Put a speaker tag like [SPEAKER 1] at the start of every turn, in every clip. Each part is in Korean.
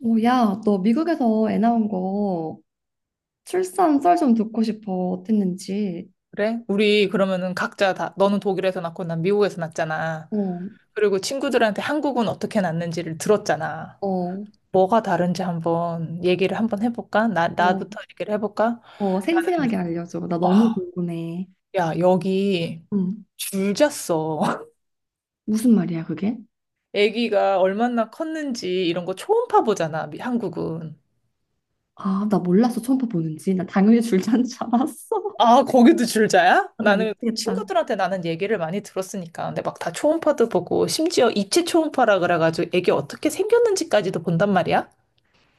[SPEAKER 1] 오, 야, 너 미국에서 애 낳은 거 출산 썰 좀 듣고 싶어. 어땠는지.
[SPEAKER 2] 그래? 우리 그러면은 각자 다, 너는 독일에서 낳고 난 미국에서 낳았잖아.
[SPEAKER 1] 어,
[SPEAKER 2] 그리고 친구들한테 한국은 어떻게 낳는지를 들었잖아.
[SPEAKER 1] 어,
[SPEAKER 2] 뭐가 다른지 한번 얘기를 한번 해볼까? 나,
[SPEAKER 1] 어,
[SPEAKER 2] 나부터 얘기를 해볼까?
[SPEAKER 1] 어,
[SPEAKER 2] 나는,
[SPEAKER 1] 생생하게 알려줘. 나 너무
[SPEAKER 2] 어,
[SPEAKER 1] 궁금해.
[SPEAKER 2] 야, 여기
[SPEAKER 1] 응.
[SPEAKER 2] 줄 잤어.
[SPEAKER 1] 무슨 말이야, 그게?
[SPEAKER 2] 아기가 얼마나 컸는지 이런 거 초음파 보잖아, 한국은.
[SPEAKER 1] 아, 나 몰랐어. 처음 보는지. 나 당연히 줄자인 줄 알았어.
[SPEAKER 2] 아, 거기도 줄자야?
[SPEAKER 1] 아, 나
[SPEAKER 2] 나는
[SPEAKER 1] 미치겠다.
[SPEAKER 2] 친구들한테 나는 얘기를 많이 들었으니까. 근데 막 다 초음파도 보고, 심지어 입체 초음파라 그래가지고 애기 어떻게 생겼는지까지도 본단 말이야?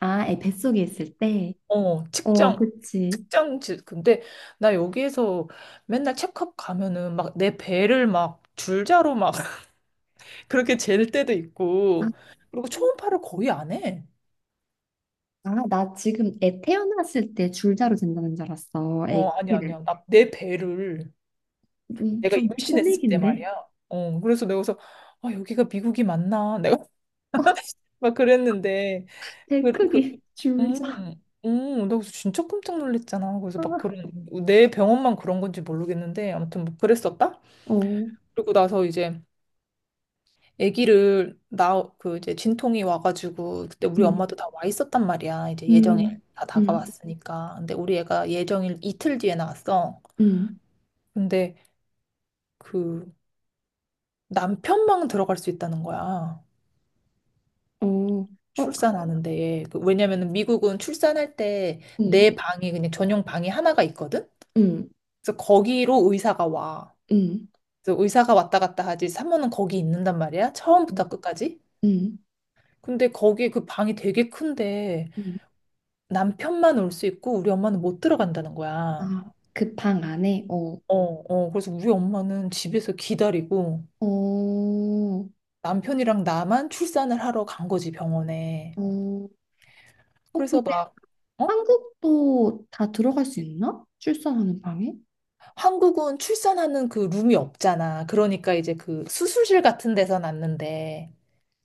[SPEAKER 1] 아, 애 뱃속에 있을 때?
[SPEAKER 2] 어,
[SPEAKER 1] 어,
[SPEAKER 2] 측정.
[SPEAKER 1] 그치.
[SPEAKER 2] 근데 나 여기에서 맨날 체크업 가면은 막 내 배를 막 줄자로 막 그렇게 잴 때도
[SPEAKER 1] 아,
[SPEAKER 2] 있고, 그리고 초음파를 거의 안 해.
[SPEAKER 1] 나 지금 애 태어났을 때 줄자로 잰다는 줄 알았어.
[SPEAKER 2] 어,
[SPEAKER 1] 애
[SPEAKER 2] 아니야,
[SPEAKER 1] 크기를.
[SPEAKER 2] 아니야. 내 배를 내가
[SPEAKER 1] 좀
[SPEAKER 2] 임신했을 때
[SPEAKER 1] 코믹인데?
[SPEAKER 2] 말이야. 어, 그래서 내가 그래서, 아, 여기가 미국이 맞나? 내가
[SPEAKER 1] 어,
[SPEAKER 2] 막 그랬는데,
[SPEAKER 1] 애
[SPEAKER 2] 그, 그,
[SPEAKER 1] 크기,
[SPEAKER 2] 음,
[SPEAKER 1] 줄자.
[SPEAKER 2] 나 그래서 진짜 깜짝 놀랐잖아. 그래서 막
[SPEAKER 1] 아.
[SPEAKER 2] 그런, 내 병원만 그런 건지 모르겠는데, 아무튼 뭐 그랬었다?
[SPEAKER 1] 어,
[SPEAKER 2] 그리고 나서 이제 그 이제 진통이 와가지고, 그때 우리
[SPEAKER 1] 음,
[SPEAKER 2] 엄마도 다 와 있었단 말이야. 이제 예정일
[SPEAKER 1] 음,
[SPEAKER 2] 다
[SPEAKER 1] 음,
[SPEAKER 2] 다가왔으니까. 근데 우리 애가 예정일 이틀 뒤에 나왔어.
[SPEAKER 1] 음,
[SPEAKER 2] 근데 그 남편만 들어갈 수 있다는 거야.
[SPEAKER 1] 어, 어,
[SPEAKER 2] 출산하는데. 그 왜냐면은 미국은 출산할 때
[SPEAKER 1] 음,
[SPEAKER 2] 내 방이 그냥 전용 방이 하나가 있거든?
[SPEAKER 1] 음,
[SPEAKER 2] 그래서 거기로 의사가 와.
[SPEAKER 1] 음,
[SPEAKER 2] 그래서 의사가 왔다 갔다 하지. 산모는 거기 있는단 말이야.
[SPEAKER 1] 음.
[SPEAKER 2] 처음부터 끝까지.
[SPEAKER 1] 음,
[SPEAKER 2] 근데 거기 그 방이 되게 큰데
[SPEAKER 1] 음.
[SPEAKER 2] 남편만 올 수 있고 우리 엄마는 못 들어간다는 거야.
[SPEAKER 1] 아, 그 방 안에, 어,
[SPEAKER 2] 어, 어. 그래서 우리 엄마는 집에서 기다리고
[SPEAKER 1] 어, 어,
[SPEAKER 2] 남편이랑 나만 출산을 하러 간 거지, 병원에.
[SPEAKER 1] 어, 근데
[SPEAKER 2] 그래서 막 어?
[SPEAKER 1] 한국도 다 들어갈 수 있나? 출산하는 방에?
[SPEAKER 2] 한국은 출산하는 그 룸이 없잖아. 그러니까 이제 그 수술실 같은 데서 났는데.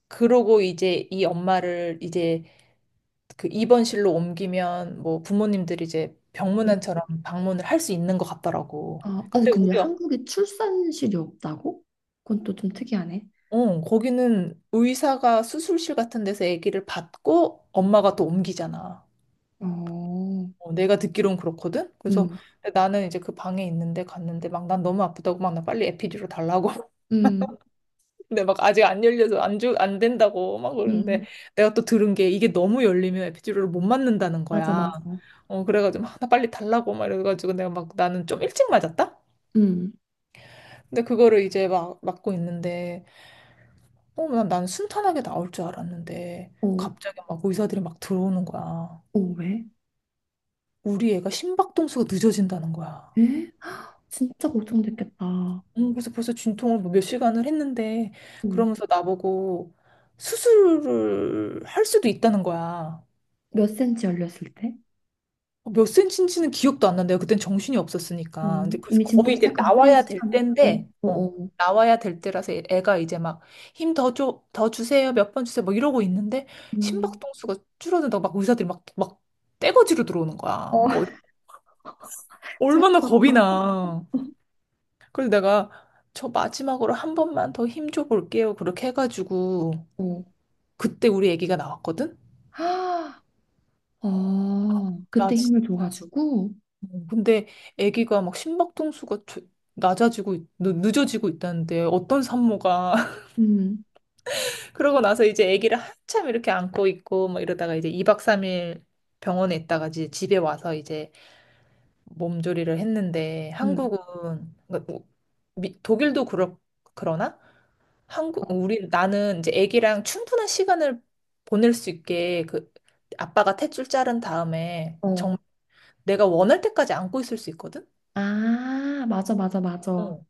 [SPEAKER 2] 그러고 이제 이 엄마를 이제 그 입원실로 옮기면 뭐 부모님들이 이제
[SPEAKER 1] 음.
[SPEAKER 2] 병문안처럼 방문을 할 수 있는 것 같더라고.
[SPEAKER 1] 아, 아니,
[SPEAKER 2] 근데
[SPEAKER 1] 근데
[SPEAKER 2] 우리 어,
[SPEAKER 1] 한국에 출산실이 없다고? 그건 또 좀 특이하네.
[SPEAKER 2] 어, 거기는 의사가 수술실 같은 데서 아기를 받고 엄마가 또 옮기잖아.
[SPEAKER 1] 어,
[SPEAKER 2] 어, 내가 듣기론 그렇거든. 그래서
[SPEAKER 1] 음,
[SPEAKER 2] 나는 이제 그 방에 있는데 갔는데 막 난 너무 아프다고 막 나 빨리 에피듀로 달라고
[SPEAKER 1] 음,
[SPEAKER 2] 근데 막 아직 안 열려서 안 된다고 막 그러는데
[SPEAKER 1] 음,
[SPEAKER 2] 내가 또 들은 게 이게 너무 열리면 에피듀로를못 맞는다는
[SPEAKER 1] 맞아,
[SPEAKER 2] 거야.
[SPEAKER 1] 맞아.
[SPEAKER 2] 어, 그래가지고 막, 나 빨리 달라고 막 이래가지고 내가 막 나는 좀 일찍 맞았다?
[SPEAKER 1] 음,
[SPEAKER 2] 근데 그거를 이제 막 맞고 있는데 난 순탄하게 나올 줄 알았는데
[SPEAKER 1] 어,
[SPEAKER 2] 갑자기 막 의사들이 막 들어오는 거야.
[SPEAKER 1] 어, 왜?
[SPEAKER 2] 우리 애가 심박동수가 늦어진다는 거야.
[SPEAKER 1] 에? 진짜 걱정됐겠다.
[SPEAKER 2] 그래서 벌써 진통을 뭐몇 시간을 했는데
[SPEAKER 1] 음.
[SPEAKER 2] 그러면서 나보고 수술을 할 수도 있다는 거야.
[SPEAKER 1] 몇 센치 열렸을 때?
[SPEAKER 2] 어, 몇 센치인지는 기억도 안 난대요. 그땐 정신이
[SPEAKER 1] 어,
[SPEAKER 2] 없었으니까. 근데 그래서
[SPEAKER 1] 이미 진통
[SPEAKER 2] 거의 이제
[SPEAKER 1] 시작한 꽤
[SPEAKER 2] 나와야 될
[SPEAKER 1] 시간. 어,
[SPEAKER 2] 때인데,
[SPEAKER 1] 어,
[SPEAKER 2] 어,
[SPEAKER 1] 어.
[SPEAKER 2] 나와야 될 때라서 애가 이제 막 힘 더 줘, 더 주세요, 몇 번 주세요, 뭐 이러고 있는데
[SPEAKER 1] 음,
[SPEAKER 2] 심박동수가 줄어든다고 막 의사들이 막 떼거지로 들어오는 거야.
[SPEAKER 1] 어,
[SPEAKER 2] 얼마나
[SPEAKER 1] 청소.
[SPEAKER 2] 겁이 나. 그래서 내가 저 마지막으로 한 번만 더 힘줘 볼게요. 그렇게 해가지고
[SPEAKER 1] 어.
[SPEAKER 2] 그때 우리 애기가 나왔거든?
[SPEAKER 1] 아, 어,
[SPEAKER 2] 나
[SPEAKER 1] 그때
[SPEAKER 2] 진짜.
[SPEAKER 1] 힘을 줘가지고.
[SPEAKER 2] 어, 근데 아기가 막 심박동수가 늦어지고 있다는데 어떤 산모가
[SPEAKER 1] 음,
[SPEAKER 2] 그러고 나서 이제 아기를 한참 이렇게 안고 있고 막 이러다가 이제 2박 3일 병원에 있다가 이제 집에 와서 이제 몸조리를 했는데
[SPEAKER 1] 음.
[SPEAKER 2] 한국은 그러니까 뭐 독일도 그렇 그러나 한국 우리 나는 이제 아기랑 충분한 시간을 보낼 수 있게 그 아빠가 탯줄 자른 다음에
[SPEAKER 1] 어. 어.
[SPEAKER 2] 정말 내가 원할 때까지 안고 있을 수 있거든.
[SPEAKER 1] 아, 맞아, 맞아, 맞아.
[SPEAKER 2] 어.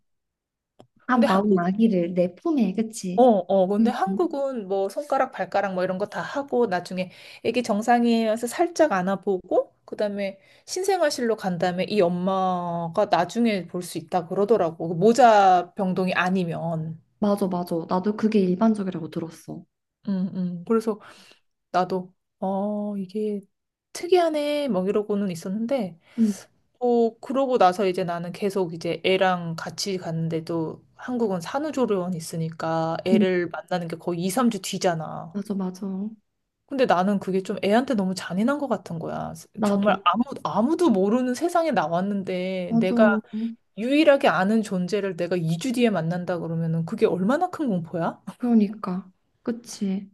[SPEAKER 1] 아
[SPEAKER 2] 근데
[SPEAKER 1] 나온
[SPEAKER 2] 한국
[SPEAKER 1] 아기를 내 품에,
[SPEAKER 2] 어,
[SPEAKER 1] 그치?
[SPEAKER 2] 어, 근데
[SPEAKER 1] 음, 음.
[SPEAKER 2] 한국은 뭐 손가락, 발가락 뭐 이런 거 다 하고 나중에 애기 정상이에서 살짝 안아보고 그다음에 신생아실로 간 다음에 이 엄마가 나중에 볼 수 있다 그러더라고. 그 모자 병동이 아니면.
[SPEAKER 1] 맞아, 맞아. 나도 그게 일반적이라고 들었어.
[SPEAKER 2] 그래서 나도 어, 이게 특이하네 뭐 이러고는 있었는데
[SPEAKER 1] 음,
[SPEAKER 2] 어, 그러고 나서 이제 나는 계속 이제 애랑 같이 갔는데도 한국은 산후조리원 있으니까
[SPEAKER 1] 음.
[SPEAKER 2] 애를 만나는 게 거의 2, 3주 뒤잖아.
[SPEAKER 1] 맞아, 맞아.
[SPEAKER 2] 근데 나는 그게 좀 애한테 너무 잔인한 것 같은 거야. 정말
[SPEAKER 1] 나도.
[SPEAKER 2] 아무도 모르는 세상에 나왔는데
[SPEAKER 1] 맞아.
[SPEAKER 2] 내가 유일하게 아는 존재를 내가 2주 뒤에 만난다 그러면은 그게 얼마나 큰 공포야?
[SPEAKER 1] 그러니까. 그치.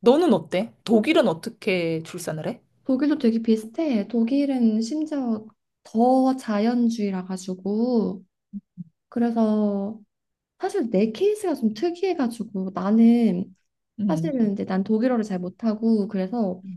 [SPEAKER 2] 너는 어때? 독일은 어떻게 출산을 해?
[SPEAKER 1] 독일도 되게 비슷해. 독일은 심지어 더 자연주의라 가지고 그래서 사실 내 케이스가 좀 특이해 가지고 나는
[SPEAKER 2] 음.
[SPEAKER 1] 사실은 이제 난 독일어를 잘 못하고, 그래서
[SPEAKER 2] 음.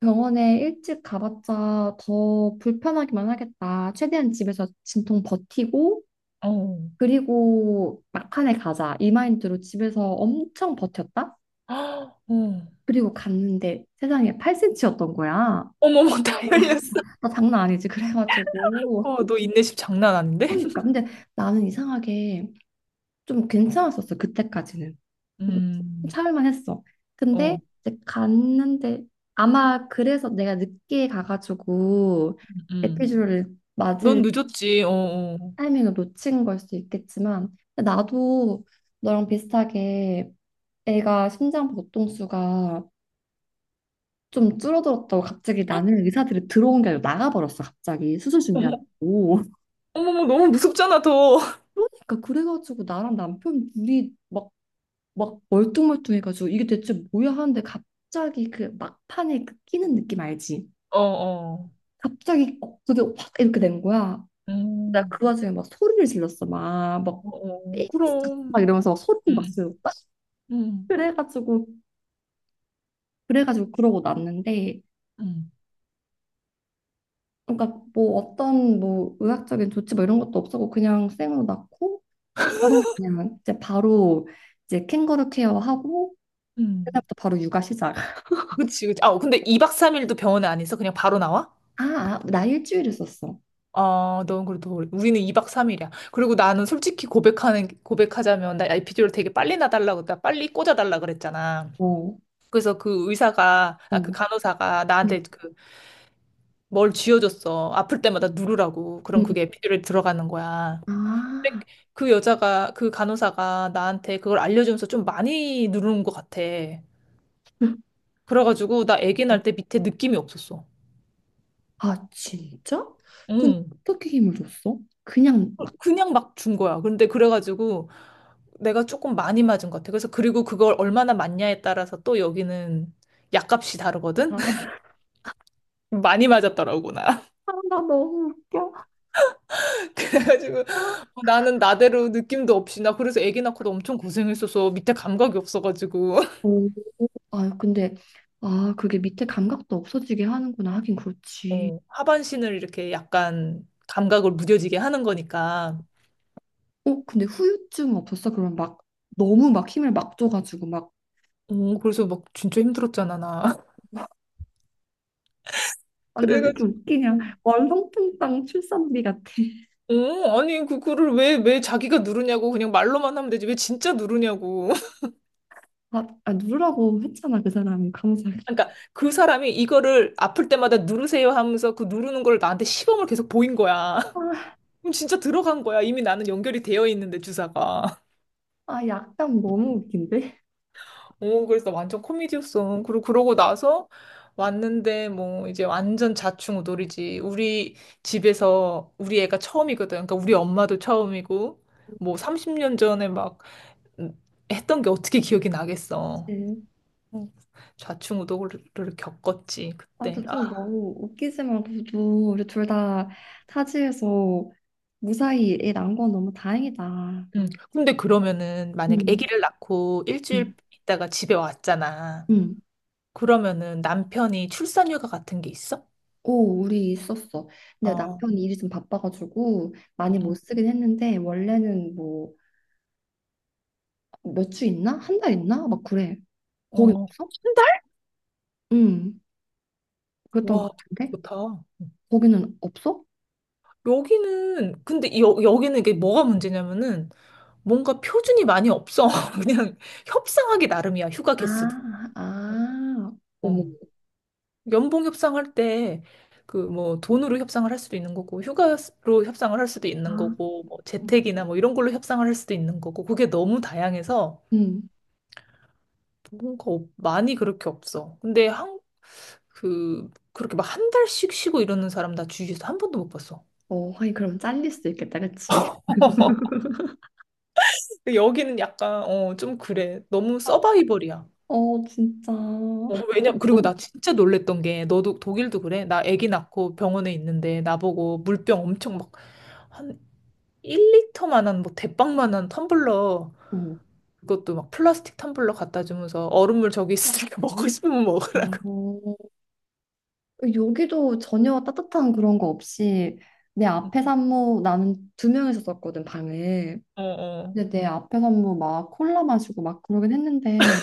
[SPEAKER 1] 병원에 일찍 가봤자 더 불편하기만 하겠다. 최대한 집에서 진통 버티고
[SPEAKER 2] 어.
[SPEAKER 1] 그리고 막판에 가자, 이 마인드로 집에서 엄청 버텼다.
[SPEAKER 2] 아, 어.
[SPEAKER 1] 그리고 갔는데 세상에 8cm였던 거야.
[SPEAKER 2] 어머머, 다 열렸어.
[SPEAKER 1] 나 장난 아니지. 그래가지고
[SPEAKER 2] 어, 너 인내심 장난 아닌데?
[SPEAKER 1] 그러니까, 근데 나는 이상하게 좀 괜찮았었어, 그때까지는. 그리고
[SPEAKER 2] 음.
[SPEAKER 1] 참을만 했어. 근데
[SPEAKER 2] 어.
[SPEAKER 1] 이제 갔는데 아마 그래서 내가 늦게 가가지고
[SPEAKER 2] 음.
[SPEAKER 1] 에피주를 맞을
[SPEAKER 2] 넌 늦었지. 어. 어.
[SPEAKER 1] 타이밍을 놓친 걸 수도 있겠지만, 근데 나도 너랑 비슷하게 애가 심장 보통수가 좀 줄어들었다고 갑자기, 나는 의사들이 들어온 게 아니라 나가버렸어. 갑자기 수술
[SPEAKER 2] 어머,
[SPEAKER 1] 준비한다고.
[SPEAKER 2] 어머머, 너무 무섭잖아, 더.
[SPEAKER 1] 그러니까 그래가지고 나랑 남편 둘이 막 멀뚱멀뚱해가지고, 이게 대체 뭐야 하는데, 갑자기 그 막판에 그 끼는 느낌 알지?
[SPEAKER 2] 어, 어.
[SPEAKER 1] 갑자기 어, 그게 확 이렇게 된 거야. 나
[SPEAKER 2] 음.
[SPEAKER 1] 그 와중에 막 소리를 질렀어.
[SPEAKER 2] 어, 어, 그럼.
[SPEAKER 1] 막 이러면서 막 소리를 막
[SPEAKER 2] 응,
[SPEAKER 1] 질렀다.
[SPEAKER 2] 응,
[SPEAKER 1] 그래가지고, 그래가지고 그러고 났는데,
[SPEAKER 2] 응,
[SPEAKER 1] 그러니까 뭐 어떤 뭐 의학적인 조치 뭐 이런 것도 없었고 그냥 생으로 낳고 바로, 그냥 이제 바로 이제 캥거루 케어하고
[SPEAKER 2] 응,
[SPEAKER 1] 그다음부터 바로 육아 시작.
[SPEAKER 2] 그치, 그치. 아, 근데 2박 3일도 병원에 안 있어? 그냥 바로 나와?
[SPEAKER 1] 아, 나 일주일 있었어.
[SPEAKER 2] 아, 넌 그래도 우리는 2박 3일이야. 그리고 나는 솔직히 고백하자면, 나 에피dural 되게 빨리 나달라고 나 빨리 꽂아달라 그랬잖아.
[SPEAKER 1] 어,
[SPEAKER 2] 그래서 그
[SPEAKER 1] 어.
[SPEAKER 2] 간호사가 나한테 그 뭘 쥐어줬어. 아플 때마다 누르라고. 그럼
[SPEAKER 1] 응.
[SPEAKER 2] 그게 에피 d u 들어가는 거야. 근데
[SPEAKER 1] 아,
[SPEAKER 2] 그 간호사가 나한테 그걸 알려주면서 좀 많이 누르는 것 같아. 그래가지고 나 아기
[SPEAKER 1] 어.
[SPEAKER 2] 낳을 때 밑에 느낌이 없었어.
[SPEAKER 1] 아, 진짜? 근데
[SPEAKER 2] 응.
[SPEAKER 1] 어떻게 힘을 줬어? 그냥 막,
[SPEAKER 2] 그냥 막 준 거야. 근데 그래가지고 내가 조금 많이 맞은 것 같아. 그래서 그리고 그걸 얼마나 맞냐에 따라서 또 여기는 약값이 다르거든?
[SPEAKER 1] 아,
[SPEAKER 2] 많이 맞았더라고, 나.
[SPEAKER 1] 아, 나 너무 웃겨.
[SPEAKER 2] 그래가지고
[SPEAKER 1] 아.
[SPEAKER 2] 뭐 나는 나대로 느낌도 없이 나 그래서 아기 낳고도 엄청 고생했어서 밑에 감각이 없어가지고
[SPEAKER 1] 오. 아, 근데, 아, 그게 밑에 감각도 없어지게 하는구나. 하긴 그렇지.
[SPEAKER 2] 어, 하반신을 이렇게 약간 감각을 무뎌지게 하는 거니까.
[SPEAKER 1] 어, 근데 후유증 없었어? 그럼 막, 너무 막 힘을 막 줘가지고 막,
[SPEAKER 2] 어, 그래서 막 진짜 힘들었잖아, 나.
[SPEAKER 1] 아, 근데 왜 이렇게
[SPEAKER 2] 그래가지고.
[SPEAKER 1] 웃기냐? 월성통당 출산비 같아.
[SPEAKER 2] 어, 아니, 그거를 왜 자기가 누르냐고, 그냥 말로만 하면 되지. 왜 진짜 누르냐고.
[SPEAKER 1] 아, 누르라고 했잖아, 그 사람이. 감사하게.
[SPEAKER 2] 그러니까 그 사람이 이거를 아플 때마다 누르세요 하면서 그 누르는 걸 나한테 시범을 계속 보인 거야.
[SPEAKER 1] 아,
[SPEAKER 2] 그럼 진짜 들어간 거야. 이미 나는 연결이 되어 있는데, 주사가.
[SPEAKER 1] 아, 약간 너무 웃긴데?
[SPEAKER 2] 어, 그래서 완전 코미디였어. 그리고 그러고 나서 왔는데, 뭐, 이제 완전 자충우돌이지. 우리 집에서 우리 애가 처음이거든. 그러니까 우리 엄마도 처음이고, 뭐, 30년 전에 막, 음, 했던 게 어떻게 기억이 나겠어. 음, 좌충우돌을 겪었지,
[SPEAKER 1] 아,
[SPEAKER 2] 그때.
[SPEAKER 1] 근데 좀
[SPEAKER 2] 아,
[SPEAKER 1] 너무 웃기지만 그래도 우리 둘 다 타지에서 무사히 애 난 건 너무 다행이다.
[SPEAKER 2] 근데 그러면은 만약에
[SPEAKER 1] 응,
[SPEAKER 2] 아기를 낳고
[SPEAKER 1] 응,
[SPEAKER 2] 일주일 있다가 집에 왔잖아.
[SPEAKER 1] 응.
[SPEAKER 2] 그러면은 남편이 출산휴가 같은 게 있어?
[SPEAKER 1] 오, 우리 있었어. 근데
[SPEAKER 2] 어,
[SPEAKER 1] 남편이 일이 좀 바빠가지고
[SPEAKER 2] 응,
[SPEAKER 1] 많이 못
[SPEAKER 2] 응.
[SPEAKER 1] 쓰긴 했는데 원래는 뭐 몇 주 있나? 한 달 있나? 막 그래. 거기
[SPEAKER 2] 어,
[SPEAKER 1] 없어?
[SPEAKER 2] 한 달?
[SPEAKER 1] 응, 그랬던 것
[SPEAKER 2] 와,
[SPEAKER 1] 같은데?
[SPEAKER 2] 좋다. 응.
[SPEAKER 1] 거기는 없어?
[SPEAKER 2] 여기는, 근데 여기는 이게 뭐가 문제냐면은 뭔가 표준이 많이 없어. 그냥 협상하기 나름이야, 휴가 개수도.
[SPEAKER 1] 아,
[SPEAKER 2] 응.
[SPEAKER 1] 아, 어머.
[SPEAKER 2] 어. 연봉 협상할 때 그 뭐 돈으로 협상을 할 수도 있는 거고 휴가로 협상을 할 수도
[SPEAKER 1] 아,
[SPEAKER 2] 있는 거고 뭐 재택이나 뭐 이런 걸로 협상을 할 수도 있는 거고 그게 너무 다양해서
[SPEAKER 1] 응.
[SPEAKER 2] 많이 그렇게 없어. 근데 한 그렇게 막 한 달씩 쉬고 이러는 사람 나 주위에서 한 번도 못 봤어.
[SPEAKER 1] 어, 하긴 그럼 잘릴 수 있겠다, 그치?
[SPEAKER 2] 여기는 약간 어 좀 그래. 너무 서바이벌이야.
[SPEAKER 1] 어, 진짜.
[SPEAKER 2] 어, 그 왜냐 그리고 나 진짜 놀랬던 게 너도 독일도 그래? 나 아기 낳고 병원에 있는데 나보고 물병 엄청 막한 1리터만한 뭐 대빵만한 텀블러
[SPEAKER 1] 응.
[SPEAKER 2] 그것도 막 플라스틱 텀블러 갖다 주면서 얼음물 저기 있으니까 먹고 싶으면
[SPEAKER 1] 아,
[SPEAKER 2] 먹으라.
[SPEAKER 1] 여기도 전혀 따뜻한 그런 거 없이, 내 앞에 산모, 나는 두 명이서 썼거든 방을.
[SPEAKER 2] 어, 어,
[SPEAKER 1] 근데 내 앞에 산모 막 콜라 마시고 막 그러긴 했는데,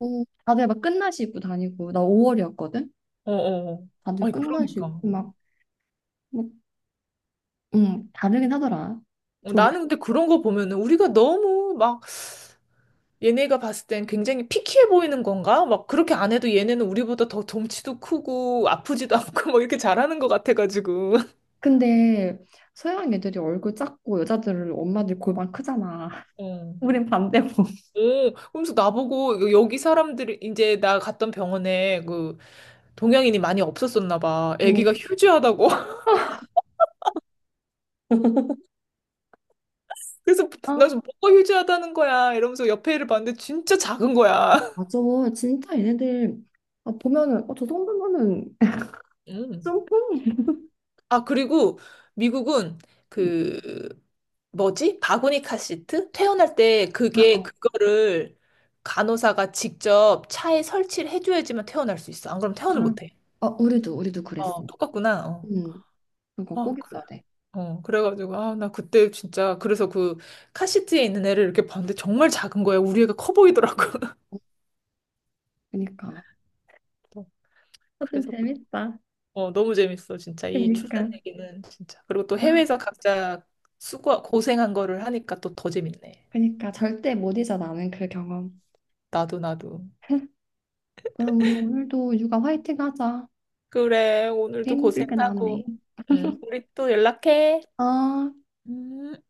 [SPEAKER 1] 어, 다들 막 끝나시 입고 다니고 나 5월이었거든.
[SPEAKER 2] 어, 어.
[SPEAKER 1] 다들
[SPEAKER 2] 아니
[SPEAKER 1] 끝나시
[SPEAKER 2] 그러니까.
[SPEAKER 1] 입고 막, 막 다르긴 하더라.
[SPEAKER 2] 어,
[SPEAKER 1] 조리.
[SPEAKER 2] 나는 근데 그런 거 보면은 우리가 너무 막 얘네가 봤을 땐 굉장히 피키해 보이는 건가? 막 그렇게 안 해도 얘네는 우리보다 더 덩치도 크고 아프지도 않고 막 이렇게 잘하는 것 같아가지고.
[SPEAKER 1] 근데 서양 애들이 얼굴 작고 여자들은, 엄마들 골반 크잖아.
[SPEAKER 2] 어.
[SPEAKER 1] 우린 반대고.
[SPEAKER 2] 오, 그러면서 나보고 여기 사람들이 이제 나 갔던 병원에 그 동양인이 많이 없었었나 봐. 애기가 휴지하다고. 그래서 나
[SPEAKER 1] 응.
[SPEAKER 2] 지금 뭐가 휴지하다는 거야 이러면서 옆에 애를 봤는데 진짜 작은 거야.
[SPEAKER 1] 맞아. 진짜 얘네들 아, 보면은 어, 저 정도면은
[SPEAKER 2] 음.
[SPEAKER 1] 짬뽕?
[SPEAKER 2] 아, 그리고 미국은 그 뭐지? 바구니 카시트? 퇴원할 때
[SPEAKER 1] 아,
[SPEAKER 2] 그게
[SPEAKER 1] 어,
[SPEAKER 2] 그거를 간호사가 직접 차에 설치를 해줘야지만 퇴원할 수 있어. 안 그러면 퇴원을
[SPEAKER 1] 아,
[SPEAKER 2] 못 해.
[SPEAKER 1] 어, 우리도 그랬어.
[SPEAKER 2] 어, 똑같구나. 어.
[SPEAKER 1] 음, 그거
[SPEAKER 2] 아,
[SPEAKER 1] 꼭
[SPEAKER 2] 그래.
[SPEAKER 1] 있어야 돼.
[SPEAKER 2] 어, 그래가지고, 아, 나 그때 진짜, 그래서 그 카시트에 있는 애를 이렇게 봤는데 정말 작은 거야. 우리 애가 커 보이더라고.
[SPEAKER 1] 그니까.
[SPEAKER 2] 어,
[SPEAKER 1] 하여튼
[SPEAKER 2] 그래서.
[SPEAKER 1] 재밌다.
[SPEAKER 2] 어, 너무 재밌어, 진짜. 이 출산
[SPEAKER 1] 그니까.
[SPEAKER 2] 얘기는 진짜. 그리고 또 해외에서 각자 수고, 고생한 거를 하니까 또 더 재밌네.
[SPEAKER 1] 그니까 절대 못 잊어 나는 그 경험.
[SPEAKER 2] 나도, 나도.
[SPEAKER 1] 그럼 우리 오늘도 육아 화이팅 하자.
[SPEAKER 2] 그래, 오늘도
[SPEAKER 1] 힘들게 나네.
[SPEAKER 2] 고생하고. 응, 우리 또 연락해.
[SPEAKER 1] 아.
[SPEAKER 2] 음.